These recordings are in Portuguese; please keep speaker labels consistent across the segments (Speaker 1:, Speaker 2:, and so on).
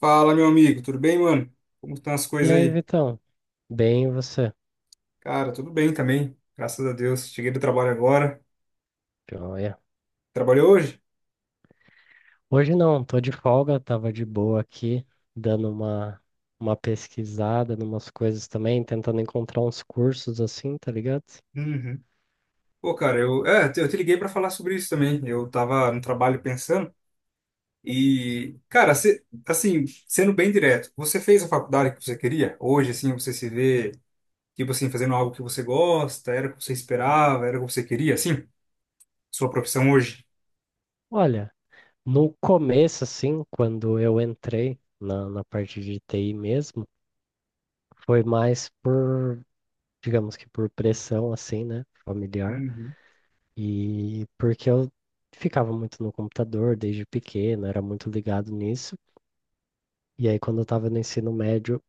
Speaker 1: Fala, meu amigo, tudo bem, mano? Como estão as
Speaker 2: E
Speaker 1: coisas
Speaker 2: aí,
Speaker 1: aí?
Speaker 2: Vitão? Bem, e você?
Speaker 1: Cara, tudo bem também, graças a Deus. Cheguei do trabalho agora.
Speaker 2: Joia.
Speaker 1: Trabalhou hoje?
Speaker 2: Hoje não, tô de folga, tava de boa aqui, dando uma pesquisada numas coisas também, tentando encontrar uns cursos assim, tá ligado?
Speaker 1: Uhum. Pô, cara, eu te liguei pra falar sobre isso também. Eu tava no trabalho pensando e, cara, assim, sendo bem direto, você fez a faculdade que você queria? Hoje, assim, você se vê, tipo assim, fazendo algo que você gosta, era o que você esperava, era o que você queria, assim? Sua profissão hoje?
Speaker 2: Olha, no começo, assim, quando eu entrei na parte de TI mesmo, foi mais por, digamos que por pressão, assim, né, familiar,
Speaker 1: Uhum.
Speaker 2: e porque eu ficava muito no computador desde pequeno, era muito ligado nisso. E aí, quando eu estava no ensino médio,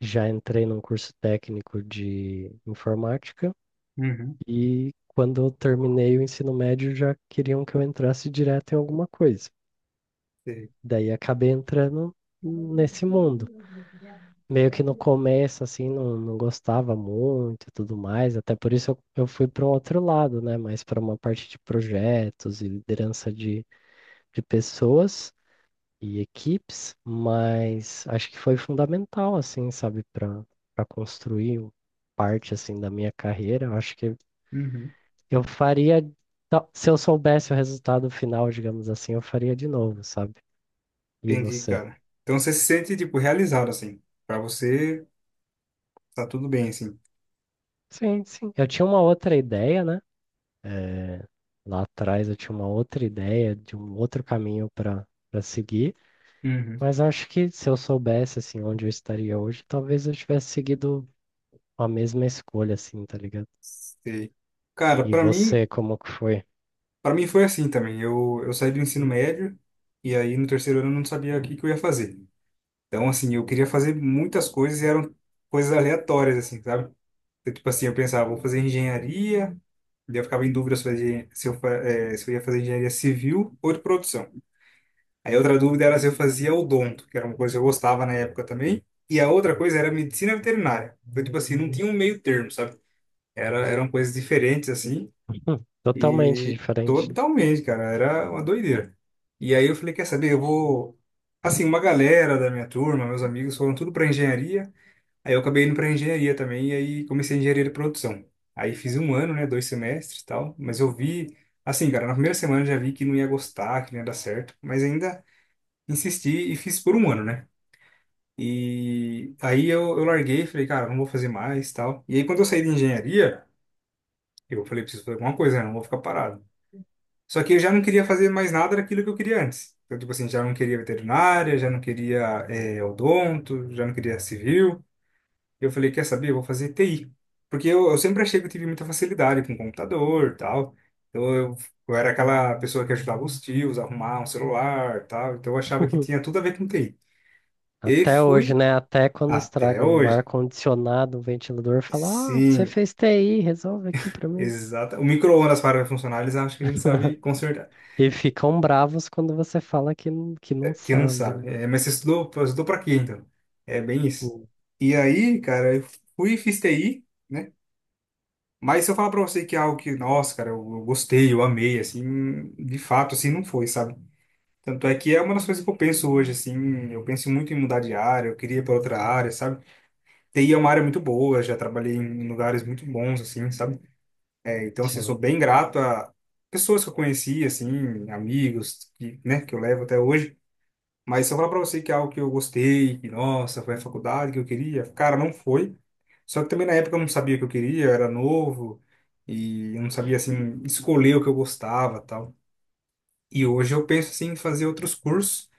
Speaker 2: já entrei num curso técnico de informática
Speaker 1: Uhum.
Speaker 2: e quando eu terminei o ensino médio já queriam que eu entrasse direto em alguma coisa.
Speaker 1: Sei.
Speaker 2: Daí acabei entrando nesse mundo. Meio que no começo, assim, não gostava muito e tudo mais, até por isso eu fui para um outro lado, né? Mais para uma parte de projetos e liderança de pessoas e equipes, mas acho que foi fundamental, assim, sabe, para para construir parte, assim, da minha carreira. Eu acho que
Speaker 1: Uhum.
Speaker 2: eu se eu soubesse o resultado final, digamos assim, eu faria de novo, sabe? E
Speaker 1: Entendi,
Speaker 2: você?
Speaker 1: cara. Então você se sente, tipo, realizado, assim. Pra você, tá tudo bem, assim.
Speaker 2: Sim, sim. Eu tinha uma outra ideia, né? Lá atrás eu tinha uma outra ideia de um outro caminho para para seguir,
Speaker 1: Uhum.
Speaker 2: mas acho que se eu soubesse, assim, onde eu estaria hoje, talvez eu tivesse seguido a mesma escolha, assim, tá ligado?
Speaker 1: Sei. Cara,
Speaker 2: E
Speaker 1: pra mim,
Speaker 2: você, como que foi?
Speaker 1: para mim foi assim também. Eu saí do ensino médio e aí no terceiro ano eu não sabia o que que eu ia fazer. Então, assim, eu queria fazer muitas coisas e eram coisas aleatórias, assim, sabe? Então, tipo assim, eu pensava, vou fazer engenharia, daí eu ficava em dúvida se eu, fazia, se eu, fa- eh, se eu ia fazer engenharia civil ou de produção. Aí outra dúvida era se eu fazia odonto, que era uma coisa que eu gostava na época também. E a outra coisa era medicina veterinária. Então, tipo assim, não tinha um meio termo, sabe? Eram coisas diferentes, assim.
Speaker 2: Totalmente
Speaker 1: E
Speaker 2: diferente.
Speaker 1: totalmente, cara, era uma doideira. E aí eu falei, quer saber, eu vou. Assim, uma galera da minha turma, meus amigos, foram tudo para engenharia. Aí eu acabei indo para engenharia também, e aí comecei a engenharia de produção. Aí fiz um ano, né, dois semestres e tal. Mas eu vi, assim, cara, na primeira semana eu já vi que não ia gostar, que não ia dar certo. Mas ainda insisti e fiz por um ano, né? E aí eu larguei, falei, cara, não vou fazer mais, tal. E aí quando eu saí de engenharia, eu falei, preciso fazer alguma coisa, né? Não vou ficar parado. Só que eu já não queria fazer mais nada daquilo que eu queria antes. Então, tipo assim, já não queria veterinária, já não queria odonto, já não queria civil. Eu falei, quer saber? Eu vou fazer TI. Porque eu sempre achei que eu tive muita facilidade com computador, tal. Então eu era aquela pessoa que ajudava os tios a arrumar um celular, tal. Então eu achava que tinha tudo a ver com TI. E aí
Speaker 2: Até hoje,
Speaker 1: fui.
Speaker 2: né? Até quando
Speaker 1: Até
Speaker 2: estragam o
Speaker 1: hoje.
Speaker 2: ar-condicionado, o ventilador fala: ah, você
Speaker 1: Sim,
Speaker 2: fez TI, resolve aqui pra mim.
Speaker 1: exato. O micro-ondas para funcionar, eles acham que a gente sabe consertar.
Speaker 2: E ficam bravos quando você fala que, que não
Speaker 1: Que não
Speaker 2: sabe,
Speaker 1: sabe.
Speaker 2: né?
Speaker 1: É, mas você estudou, estudou para quê, então? É bem isso.
Speaker 2: Hum.
Speaker 1: E aí, cara, eu fui e fiz TI, né? Mas se eu falar para você que é algo que, nossa, cara, eu gostei, eu amei, assim, de fato, assim, não foi, sabe? Tanto é que é uma das coisas que eu penso hoje, assim, eu penso muito em mudar de área, eu queria ir para outra área, sabe? TI é uma área muito boa, já trabalhei em lugares muito bons, assim, sabe? É. Então, assim, eu
Speaker 2: Sim.
Speaker 1: sou bem grato a pessoas que eu conheci, assim, amigos, que, né, que eu levo até hoje. Mas se eu falar pra você que é algo que eu gostei, que, nossa, foi a faculdade que eu queria, cara, não foi. Só que também na época eu não sabia o que eu queria, eu era novo e eu não sabia, assim, escolher o que eu gostava tal. E hoje eu penso, assim, em fazer outros cursos.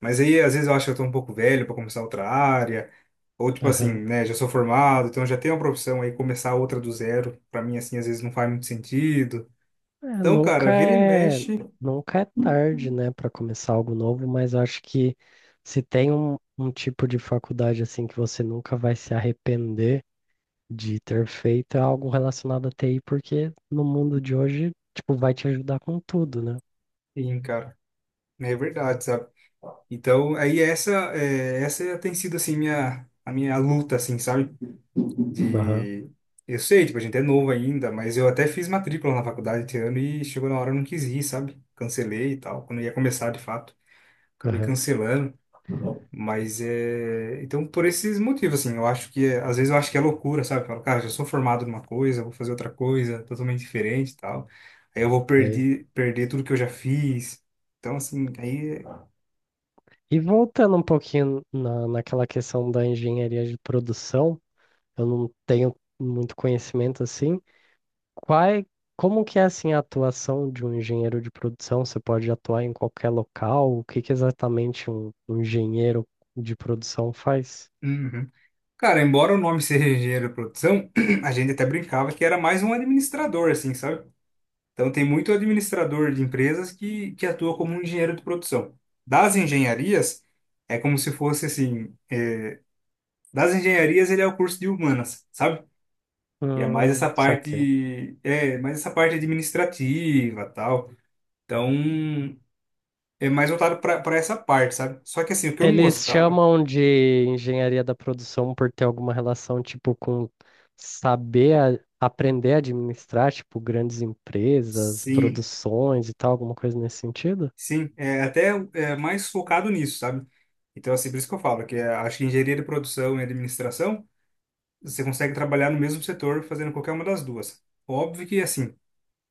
Speaker 1: Mas aí, às vezes, eu acho que eu tô um pouco velho para começar outra área. Ou, tipo assim,
Speaker 2: Aham.
Speaker 1: né, já sou formado, então já tenho uma profissão aí, começar outra do zero, pra mim, assim, às vezes não faz muito sentido.
Speaker 2: É,
Speaker 1: Então, cara, vira e mexe,
Speaker 2: nunca é tarde, né, para começar algo novo, mas eu acho que se tem um tipo de faculdade assim que você nunca vai se arrepender de ter feito é algo relacionado a TI, porque no mundo de hoje, tipo, vai te ajudar com tudo, né?
Speaker 1: sim, cara, é verdade, sabe? Então, aí essa tem sido, assim, a minha luta, assim, sabe?
Speaker 2: Aham,
Speaker 1: De, eu sei, tipo, a gente é novo ainda, mas eu até fiz matrícula na faculdade esse ano e chegou na hora eu não quis ir, sabe? Cancelei e tal, quando ia começar, de fato, acabei
Speaker 2: aham.
Speaker 1: cancelando. Mas é. Então, por esses motivos, assim, eu acho que. É- às vezes eu acho que é loucura, sabe? Eu falo, cara, já sou formado numa coisa, vou fazer outra coisa totalmente diferente e tal. Aí eu vou
Speaker 2: Sei.
Speaker 1: perder tudo que eu já fiz. Então, assim, aí.
Speaker 2: E voltando um pouquinho naquela questão da engenharia de produção, eu não tenho muito conhecimento assim. Quais, como que é assim a atuação de um engenheiro de produção? Você pode atuar em qualquer local? O que que exatamente um engenheiro de produção faz?
Speaker 1: Uhum. Cara, embora o nome seja engenheiro de produção, a gente até brincava que era mais um administrador, assim, sabe? Então, tem muito administrador de empresas que atua como um engenheiro de produção. Das engenharias, é como se fosse assim. Das engenharias, ele é o curso de humanas, sabe? E é mais essa
Speaker 2: Saquei.
Speaker 1: parte, mais essa parte administrativa, tal. Então, é mais voltado para essa parte, sabe? Só que assim, o que eu não
Speaker 2: Eles
Speaker 1: gostava,
Speaker 2: chamam de engenharia da produção por ter alguma relação, tipo, com saber a- aprender a administrar, tipo, grandes empresas,
Speaker 1: sim,
Speaker 2: produções e tal, alguma coisa nesse sentido?
Speaker 1: sim, é até, é mais focado nisso, sabe? Então, assim, por isso que eu falo que é, acho que engenharia de produção e administração, você consegue trabalhar no mesmo setor fazendo qualquer uma das duas. Óbvio que assim,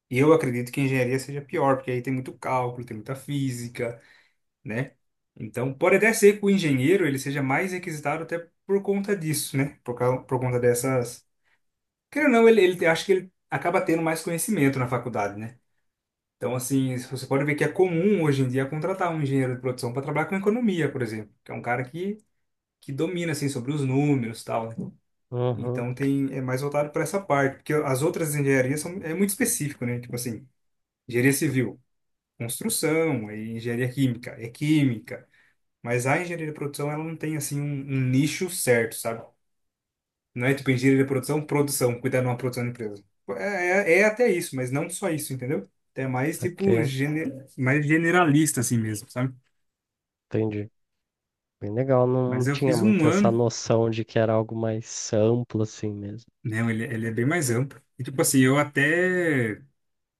Speaker 1: eu acredito que engenharia seja pior, porque aí tem muito cálculo, tem muita física, né? Então, pode até ser que o engenheiro ele seja mais requisitado até por conta disso, né? Por conta dessas. Querendo ou não, ele, acho que ele acaba tendo mais conhecimento na faculdade, né? Então, assim, você pode ver que é comum hoje em dia contratar um engenheiro de produção para trabalhar com economia, por exemplo, que é um cara que domina, assim, sobre os números e tal, né?
Speaker 2: Uhum,
Speaker 1: Então, tem, é mais voltado para essa parte, porque as outras engenharias são, é muito específico, né? Tipo assim, engenharia civil, construção, aí engenharia química, é química. Mas a engenharia de produção, ela não tem, assim, um nicho certo, sabe? Não é tipo engenharia de produção, produção, cuidar de uma produção de empresa. É até isso, mas não só isso, entendeu? É mais, tipo,
Speaker 2: saquei,
Speaker 1: mais generalista, assim mesmo, sabe?
Speaker 2: entendi. Bem legal,
Speaker 1: Mas
Speaker 2: não
Speaker 1: eu
Speaker 2: tinha
Speaker 1: fiz um
Speaker 2: muito essa
Speaker 1: ano,
Speaker 2: noção de que era algo mais amplo assim mesmo.
Speaker 1: né? Ele é bem mais amplo. E, tipo assim, eu até,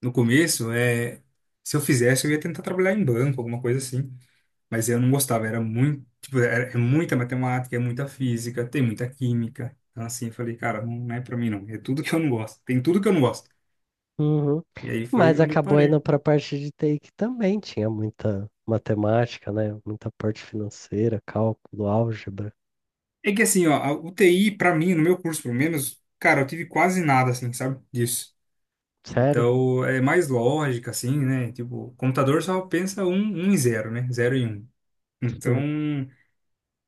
Speaker 1: no começo, se eu fizesse, eu ia tentar trabalhar em banco, alguma coisa assim. Mas eu não gostava, era muito, tipo, é muita matemática, é muita física, tem muita química. Então, assim, eu falei, cara, não não é pra mim, não. É tudo que eu não gosto. Tem tudo que eu não gosto.
Speaker 2: Uhum.
Speaker 1: E aí foi
Speaker 2: Mas
Speaker 1: onde eu
Speaker 2: acabou
Speaker 1: parei.
Speaker 2: indo para a parte de TI que também tinha muita matemática, né? Muita parte financeira, cálculo, álgebra.
Speaker 1: É que, assim, ó, a UTI, pra mim, no meu curso, pelo menos, cara, eu tive quase nada, assim, sabe, disso.
Speaker 2: Sério?
Speaker 1: Então, é mais lógica, assim, né? Tipo, computador só pensa um e zero, né? Zero e um. Então,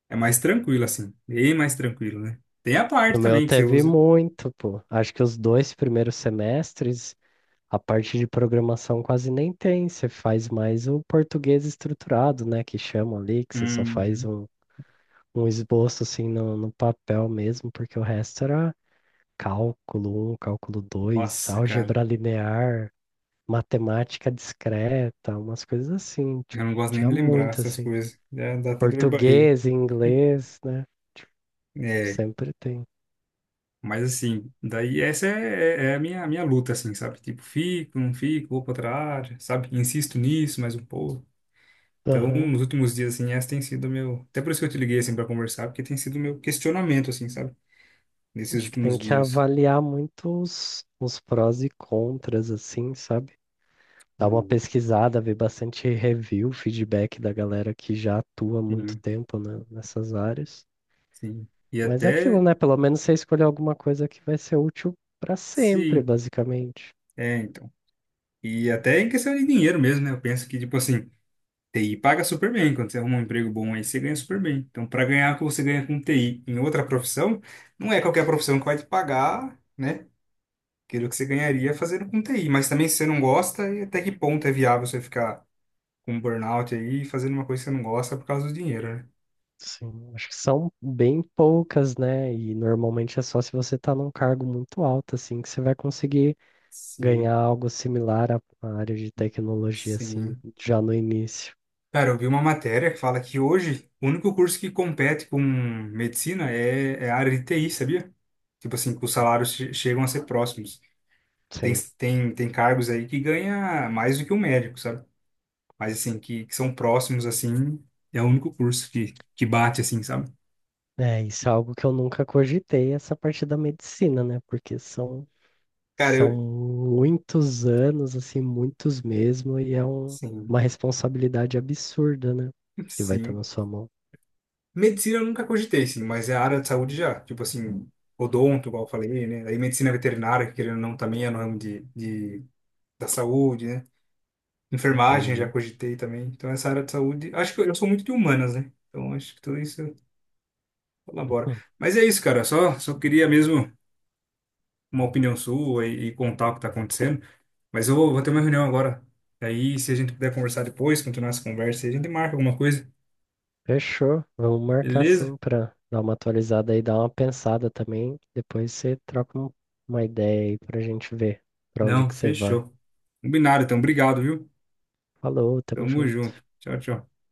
Speaker 1: é mais tranquilo, assim. Bem mais tranquilo, né? Tem a
Speaker 2: No
Speaker 1: parte
Speaker 2: meu
Speaker 1: também que você
Speaker 2: teve
Speaker 1: usa.
Speaker 2: muito, pô. Acho que os dois primeiros semestres, a parte de programação quase nem tem. Você faz mais o português estruturado, né? Que chama ali, que você só faz
Speaker 1: Hum,
Speaker 2: um esboço assim no, no papel mesmo, porque o resto era cálculo um, cálculo dois,
Speaker 1: nossa, cara.
Speaker 2: álgebra linear, matemática discreta, umas coisas assim. Tipo,
Speaker 1: Eu não gosto nem
Speaker 2: tinha
Speaker 1: de lembrar
Speaker 2: muito
Speaker 1: essas
Speaker 2: assim.
Speaker 1: coisas. Dá até dor de barriga.
Speaker 2: Português, inglês, né?
Speaker 1: É,
Speaker 2: Sempre tem.
Speaker 1: mas assim, daí essa é a minha luta, assim, sabe? Tipo, fico, não fico, vou pra outra área, sabe? Insisto nisso mais um pouco. Então, nos últimos dias, assim, essa tem sido o meu. Até por isso que eu te liguei, assim, pra conversar, porque tem sido o meu questionamento, assim, sabe? Nesses
Speaker 2: Acho que tem
Speaker 1: últimos
Speaker 2: que
Speaker 1: dias.
Speaker 2: avaliar muito os prós e contras, assim, sabe? Dar uma
Speaker 1: Hum.
Speaker 2: pesquisada, ver bastante review, feedback da galera que já atua há muito
Speaker 1: Sim,
Speaker 2: tempo, né, nessas áreas.
Speaker 1: sim. E
Speaker 2: Mas é aquilo,
Speaker 1: até.
Speaker 2: né? Pelo menos você escolher alguma coisa que vai ser útil para sempre,
Speaker 1: Sim,
Speaker 2: basicamente.
Speaker 1: então. E até em questão de dinheiro mesmo, né? Eu penso que, tipo assim, TI paga super bem. Quando você arruma um emprego bom aí, você ganha super bem. Então, para ganhar o que você ganha com TI em outra profissão, não é qualquer profissão que vai te pagar, né? Aquilo que você ganharia fazendo com TI. Mas também se você não gosta, e até que ponto é viável você ficar com um burnout aí, fazendo uma coisa que você não gosta por causa do dinheiro, né?
Speaker 2: Sim, acho que são bem poucas, né? E normalmente é só se você tá num cargo muito alto, assim, que você vai conseguir
Speaker 1: Sim,
Speaker 2: ganhar algo similar à área de tecnologia, assim,
Speaker 1: sim.
Speaker 2: já no início.
Speaker 1: Cara, eu vi uma matéria que fala que hoje o único curso que compete com medicina é a área de TI, sabia? Tipo assim, que os salários chegam a ser próximos. Tem,
Speaker 2: Sim.
Speaker 1: tem, tem cargos aí que ganha mais do que um médico, sabe? Mas assim, que são próximos, assim, é o único curso que bate, assim, sabe?
Speaker 2: É, isso é algo que eu nunca cogitei, essa parte da medicina, né? Porque são,
Speaker 1: Cara,
Speaker 2: são
Speaker 1: eu.
Speaker 2: muitos anos, assim, muitos mesmo, e é
Speaker 1: Sim,
Speaker 2: uma responsabilidade absurda, né? Que vai estar
Speaker 1: sim.
Speaker 2: na sua mão.
Speaker 1: Medicina eu nunca cogitei, sim, mas é a área de saúde já. Tipo assim, odonto, igual eu falei, né? Aí medicina veterinária, que querendo ou não, também é no ramo da saúde, né? Enfermagem já
Speaker 2: Entendi.
Speaker 1: cogitei também. Então, essa área de saúde. Acho que eu sou muito de humanas, né? Então, acho que tudo isso colabora.
Speaker 2: Hum.
Speaker 1: Mas é isso, cara. Só queria mesmo. Uma opinião sua e contar o que está acontecendo. Mas eu vou ter uma reunião agora. Aí, se a gente puder conversar depois, continuar essa conversa, a gente marca alguma coisa,
Speaker 2: Fechou. Vamos marcar
Speaker 1: beleza?
Speaker 2: sim para dar uma atualizada aí, dar uma pensada também. Depois você troca uma ideia aí pra gente ver pra onde
Speaker 1: Não,
Speaker 2: que você vai.
Speaker 1: fechou. Combinado, então. Obrigado, viu?
Speaker 2: Falou, tamo
Speaker 1: Tamo
Speaker 2: junto.
Speaker 1: junto. Tchau, tchau.